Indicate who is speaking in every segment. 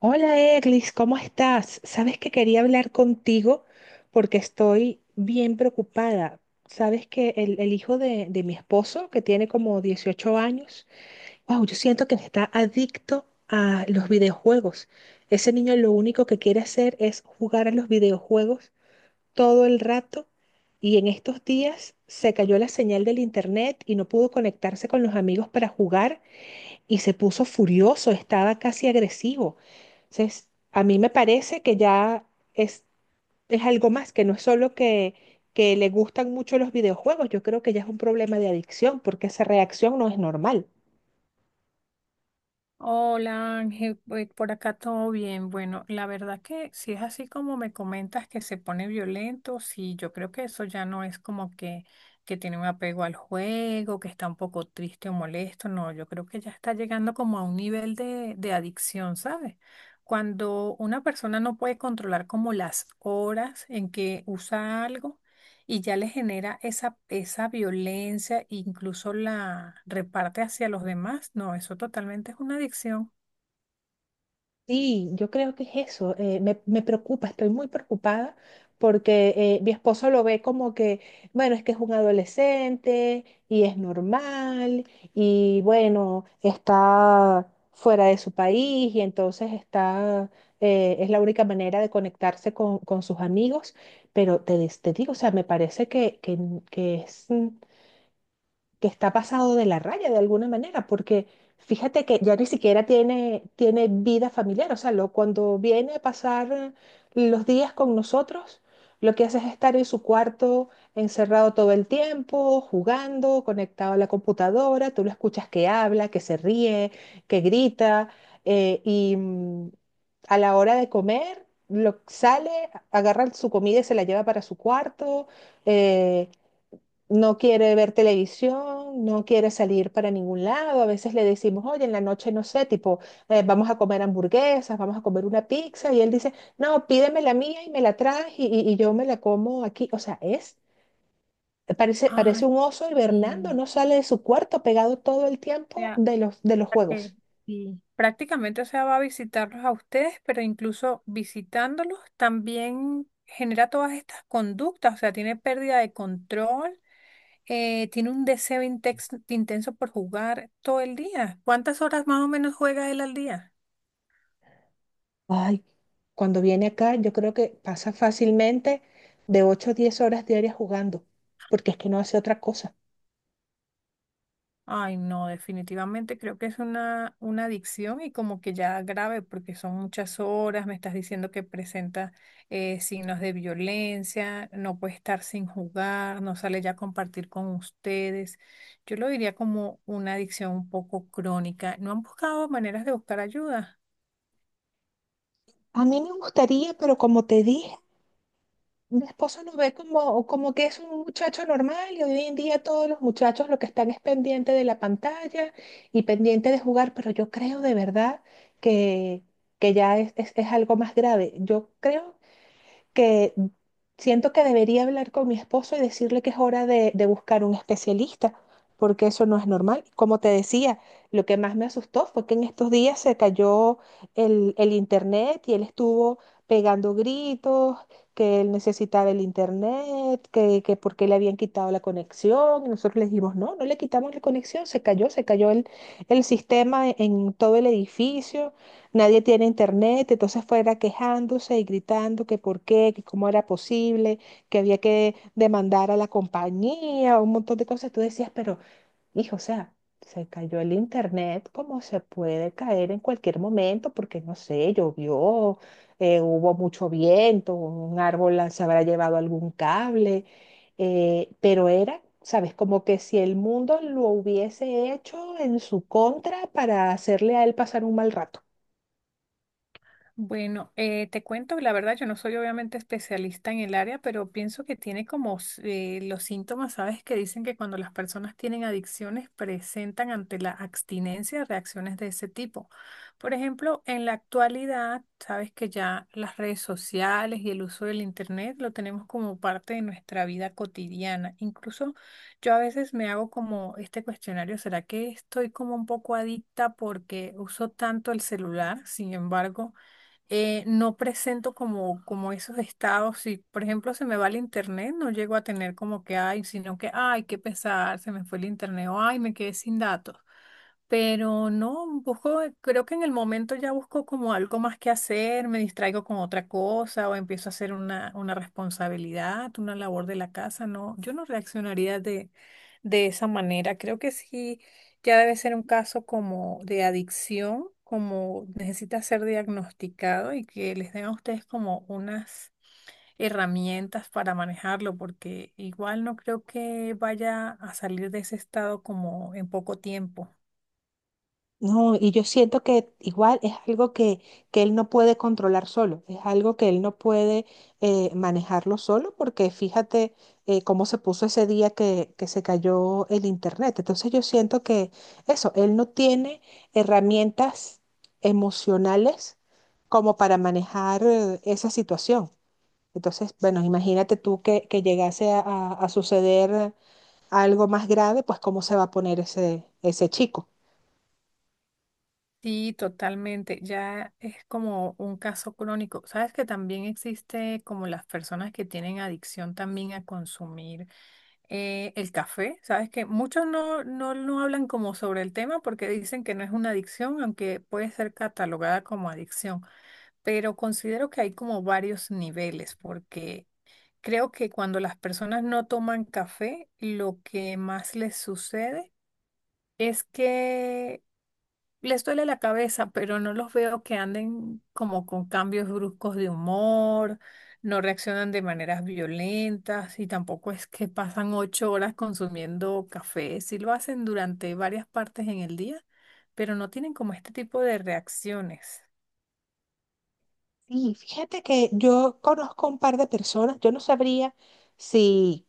Speaker 1: Hola Eglis, ¿cómo estás? Sabes que quería hablar contigo porque estoy bien preocupada. Sabes que el hijo de mi esposo, que tiene como 18 años, wow, yo siento que está adicto a los videojuegos. Ese niño lo único que quiere hacer es jugar a los videojuegos todo el rato, y en estos días se cayó la señal del internet y no pudo conectarse con los amigos para jugar, y se puso furioso, estaba casi agresivo. Entonces, a mí me parece que ya es, es algo más, que no es solo que le gustan mucho los videojuegos. Yo creo que ya es un problema de adicción, porque esa reacción no es normal.
Speaker 2: Hola Ángel, pues, por acá todo bien. Bueno, la verdad que si es así como me comentas que se pone violento, sí, yo creo que eso ya no es como que tiene un apego al juego, que está un poco triste o molesto, no, yo creo que ya está llegando como a un nivel de adicción, ¿sabes? Cuando una persona no puede controlar como las horas en que usa algo y ya le genera esa violencia, incluso la reparte hacia los demás. No, eso totalmente es una adicción.
Speaker 1: Sí, yo creo que es eso. Me preocupa, estoy muy preocupada porque mi esposo lo ve como que, bueno, es que es un adolescente y es normal, y bueno, está fuera de su país y entonces es la única manera de conectarse con sus amigos. Pero te digo, o sea, me parece que que está pasado de la raya de alguna manera, porque fíjate que ya ni siquiera tiene vida familiar. O sea, cuando viene a pasar los días con nosotros, lo que hace es estar en su cuarto encerrado todo el tiempo, jugando, conectado a la computadora. Tú lo escuchas que habla, que se ríe, que grita, eh, y mm, a la hora de comer, sale, agarra su comida y se la lleva para su cuarto. eh, no quiere ver televisión, no quiere salir para ningún lado. A veces le decimos, oye, en la noche no sé, tipo, vamos a comer hamburguesas, vamos a comer una pizza. Y él dice, no, pídeme la mía y me la traes, y yo me la como aquí. O sea, es, parece,
Speaker 2: Ah,
Speaker 1: parece un oso y
Speaker 2: sí.
Speaker 1: Bernardo, no sale de su cuarto, pegado todo el
Speaker 2: O
Speaker 1: tiempo
Speaker 2: sea,
Speaker 1: de de los
Speaker 2: la que
Speaker 1: juegos.
Speaker 2: sí. Prácticamente, o sea, va a visitarlos a ustedes, pero incluso visitándolos también genera todas estas conductas, o sea, tiene pérdida de control. Tiene un deseo intenso por jugar todo el día. ¿Cuántas horas más o menos juega él al día?
Speaker 1: Ay, cuando viene acá, yo creo que pasa fácilmente de 8 a 10 horas diarias jugando, porque es que no hace otra cosa.
Speaker 2: Ay, no, definitivamente creo que es una adicción y como que ya grave porque son muchas horas, me estás diciendo que presenta signos de violencia, no puede estar sin jugar, no sale ya a compartir con ustedes. Yo lo diría como una adicción un poco crónica. ¿No han buscado maneras de buscar ayuda?
Speaker 1: A mí me gustaría, pero como te dije, mi esposo lo ve como, como que es un muchacho normal y hoy en día todos los muchachos lo que están es pendiente de la pantalla y pendiente de jugar. Pero yo creo de verdad que, que ya es algo más grave. Yo creo que siento que debería hablar con mi esposo y decirle que es hora de buscar un especialista, porque eso no es normal. Como te decía, lo que más me asustó fue que en estos días se cayó el internet, y él estuvo pegando gritos, que él necesitaba el internet, que porque le habían quitado la conexión. Y nosotros le dijimos, no, no le quitamos la conexión, se cayó el sistema en todo el edificio. Nadie tiene internet, entonces fuera quejándose y gritando que por qué, que cómo era posible, que había que demandar a la compañía, un montón de cosas. Tú decías, pero hijo, o sea, se cayó el internet como se puede caer en cualquier momento, porque no sé, llovió, hubo mucho viento, un árbol se habrá llevado algún cable, pero era... ¿Sabes? Como que si el mundo lo hubiese hecho en su contra para hacerle a él pasar un mal rato.
Speaker 2: Bueno, te cuento, la verdad, yo no soy obviamente especialista en el área, pero pienso que tiene como los síntomas, ¿sabes? Que dicen que cuando las personas tienen adicciones presentan ante la abstinencia reacciones de ese tipo. Por ejemplo, en la actualidad, sabes que ya las redes sociales y el uso del internet lo tenemos como parte de nuestra vida cotidiana. Incluso yo a veces me hago como este cuestionario, ¿será que estoy como un poco adicta porque uso tanto el celular? Sin embargo no presento como, como esos estados. Si, por ejemplo, se me va el internet, no llego a tener como que ay, sino que ay, qué pesar, se me fue el internet o ay, me quedé sin datos. Pero no, busco, creo que en el momento ya busco como algo más que hacer, me distraigo con otra cosa o empiezo a hacer una responsabilidad, una labor de la casa. No, yo no reaccionaría de esa manera. Creo que sí ya debe ser un caso como de adicción, como necesita ser diagnosticado y que les den a ustedes como unas herramientas para manejarlo, porque igual no creo que vaya a salir de ese estado como en poco tiempo.
Speaker 1: No, y yo siento que igual es algo que él no puede controlar solo, es algo que él no puede manejarlo solo, porque fíjate cómo se puso ese día que se cayó el internet. Entonces yo siento que eso, él no tiene herramientas emocionales como para manejar esa situación. Entonces, bueno, imagínate tú que llegase a suceder algo más grave, pues cómo se va a poner ese, ese chico.
Speaker 2: Sí, totalmente. Ya es como un caso crónico. Sabes que también existe como las personas que tienen adicción también a consumir eh, el café, sabes que muchos no hablan como sobre el tema porque dicen que no es una adicción, aunque puede ser catalogada como adicción. Pero considero que hay como varios niveles porque creo que cuando las personas no toman café, lo que más les sucede es que les duele la cabeza, pero no los veo que anden como con cambios bruscos de humor, no reaccionan de maneras violentas y tampoco es que pasan 8 horas consumiendo café. Sí lo hacen durante varias partes en el día, pero no tienen como este tipo de reacciones.
Speaker 1: Sí, fíjate que yo conozco un par de personas, yo no sabría si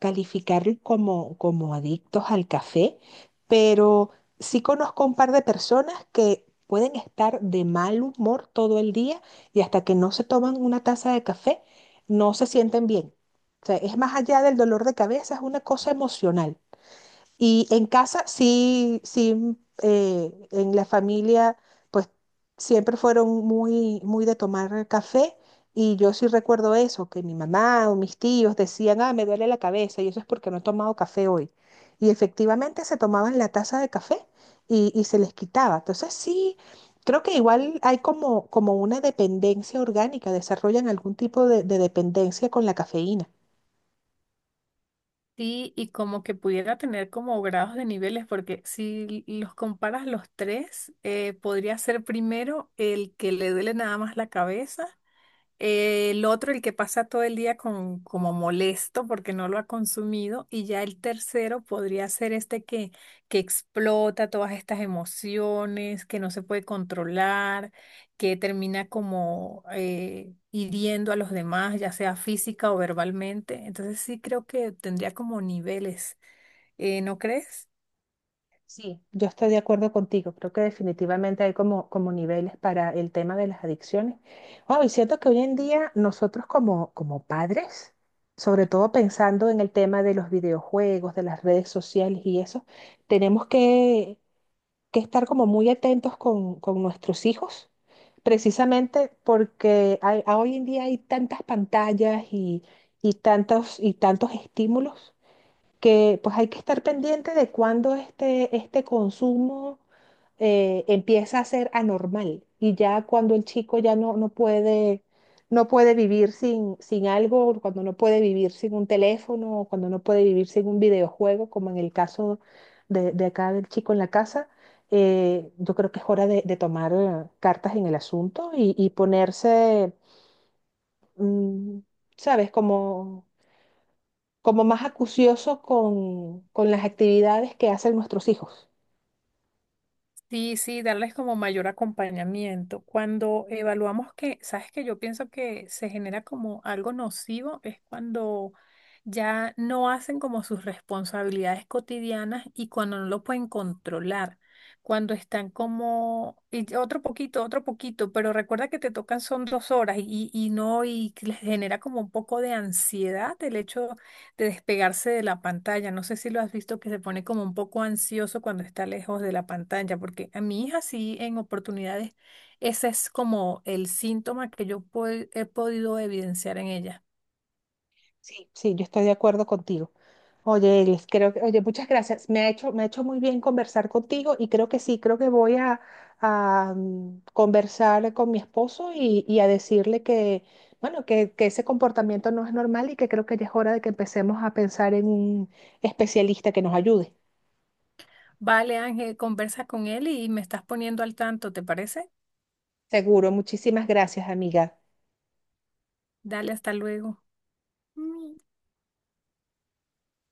Speaker 1: calificarlos como, como adictos al café, pero sí conozco un par de personas que pueden estar de mal humor todo el día, y hasta que no se toman una taza de café no se sienten bien. O sea, es más allá del dolor de cabeza, es una cosa emocional. Y en casa sí, sí, en la familia, pues siempre fueron muy, muy de tomar café. Y yo sí recuerdo eso, que mi mamá o mis tíos decían, ah, me duele la cabeza y eso es porque no he tomado café hoy. Y efectivamente se tomaban la taza de café y se les quitaba. Entonces sí, creo que igual hay como, como una dependencia orgánica, desarrollan algún tipo de dependencia con la cafeína.
Speaker 2: Sí, y como que pudiera tener como grados de niveles, porque si los comparas los tres, podría ser primero el que le duele nada más la cabeza. El otro, el que pasa todo el día con, como molesto porque no lo ha consumido. Y ya el tercero podría ser este que explota todas estas emociones, que no se puede controlar, que termina como hiriendo a los demás, ya sea física o verbalmente. Entonces sí creo que tendría como niveles, ¿no crees?
Speaker 1: Sí, yo estoy de acuerdo contigo. Creo que definitivamente hay como, como niveles para el tema de las adicciones. Wow, y siento que hoy en día nosotros como, como padres, sobre todo pensando en el tema de los videojuegos, de las redes sociales y eso, tenemos que estar como muy atentos con nuestros hijos, precisamente porque hoy en día hay tantas pantallas y tantos estímulos que pues hay que estar pendiente de cuándo este, este consumo empieza a ser anormal, y ya cuando el chico ya no puede, no puede vivir sin, sin algo, cuando no puede vivir sin un teléfono, o cuando no puede vivir sin un videojuego, como en el caso de acá del chico en la casa, yo creo que es hora de tomar cartas en el asunto, y ponerse, mm, ¿sabes? Como como más acucioso con las actividades que hacen nuestros hijos.
Speaker 2: Sí, sí, darles como mayor acompañamiento. Cuando evaluamos que, sabes que yo pienso que se genera como algo nocivo, es cuando ya no hacen como sus responsabilidades cotidianas y cuando no lo pueden controlar, cuando están como, y ya otro poquito, pero recuerda que te tocan son 2 horas y no, y que les genera como un poco de ansiedad el hecho de despegarse de la pantalla. No sé si lo has visto que se pone como un poco ansioso cuando está lejos de la pantalla, porque a mi hija sí en oportunidades ese es como el síntoma que yo he podido evidenciar en ella.
Speaker 1: Sí. Sí, yo estoy de acuerdo contigo. Oye, Elis, creo que, oye, muchas gracias. Me ha hecho muy bien conversar contigo, y creo que sí, creo que voy a, conversar con mi esposo y a decirle que, bueno, que ese comportamiento no es normal, y que creo que ya es hora de que empecemos a pensar en un especialista que nos ayude.
Speaker 2: Vale, Ángel, conversa con él y me estás poniendo al tanto, ¿te parece?
Speaker 1: Seguro, muchísimas gracias, amiga.
Speaker 2: Dale, hasta luego.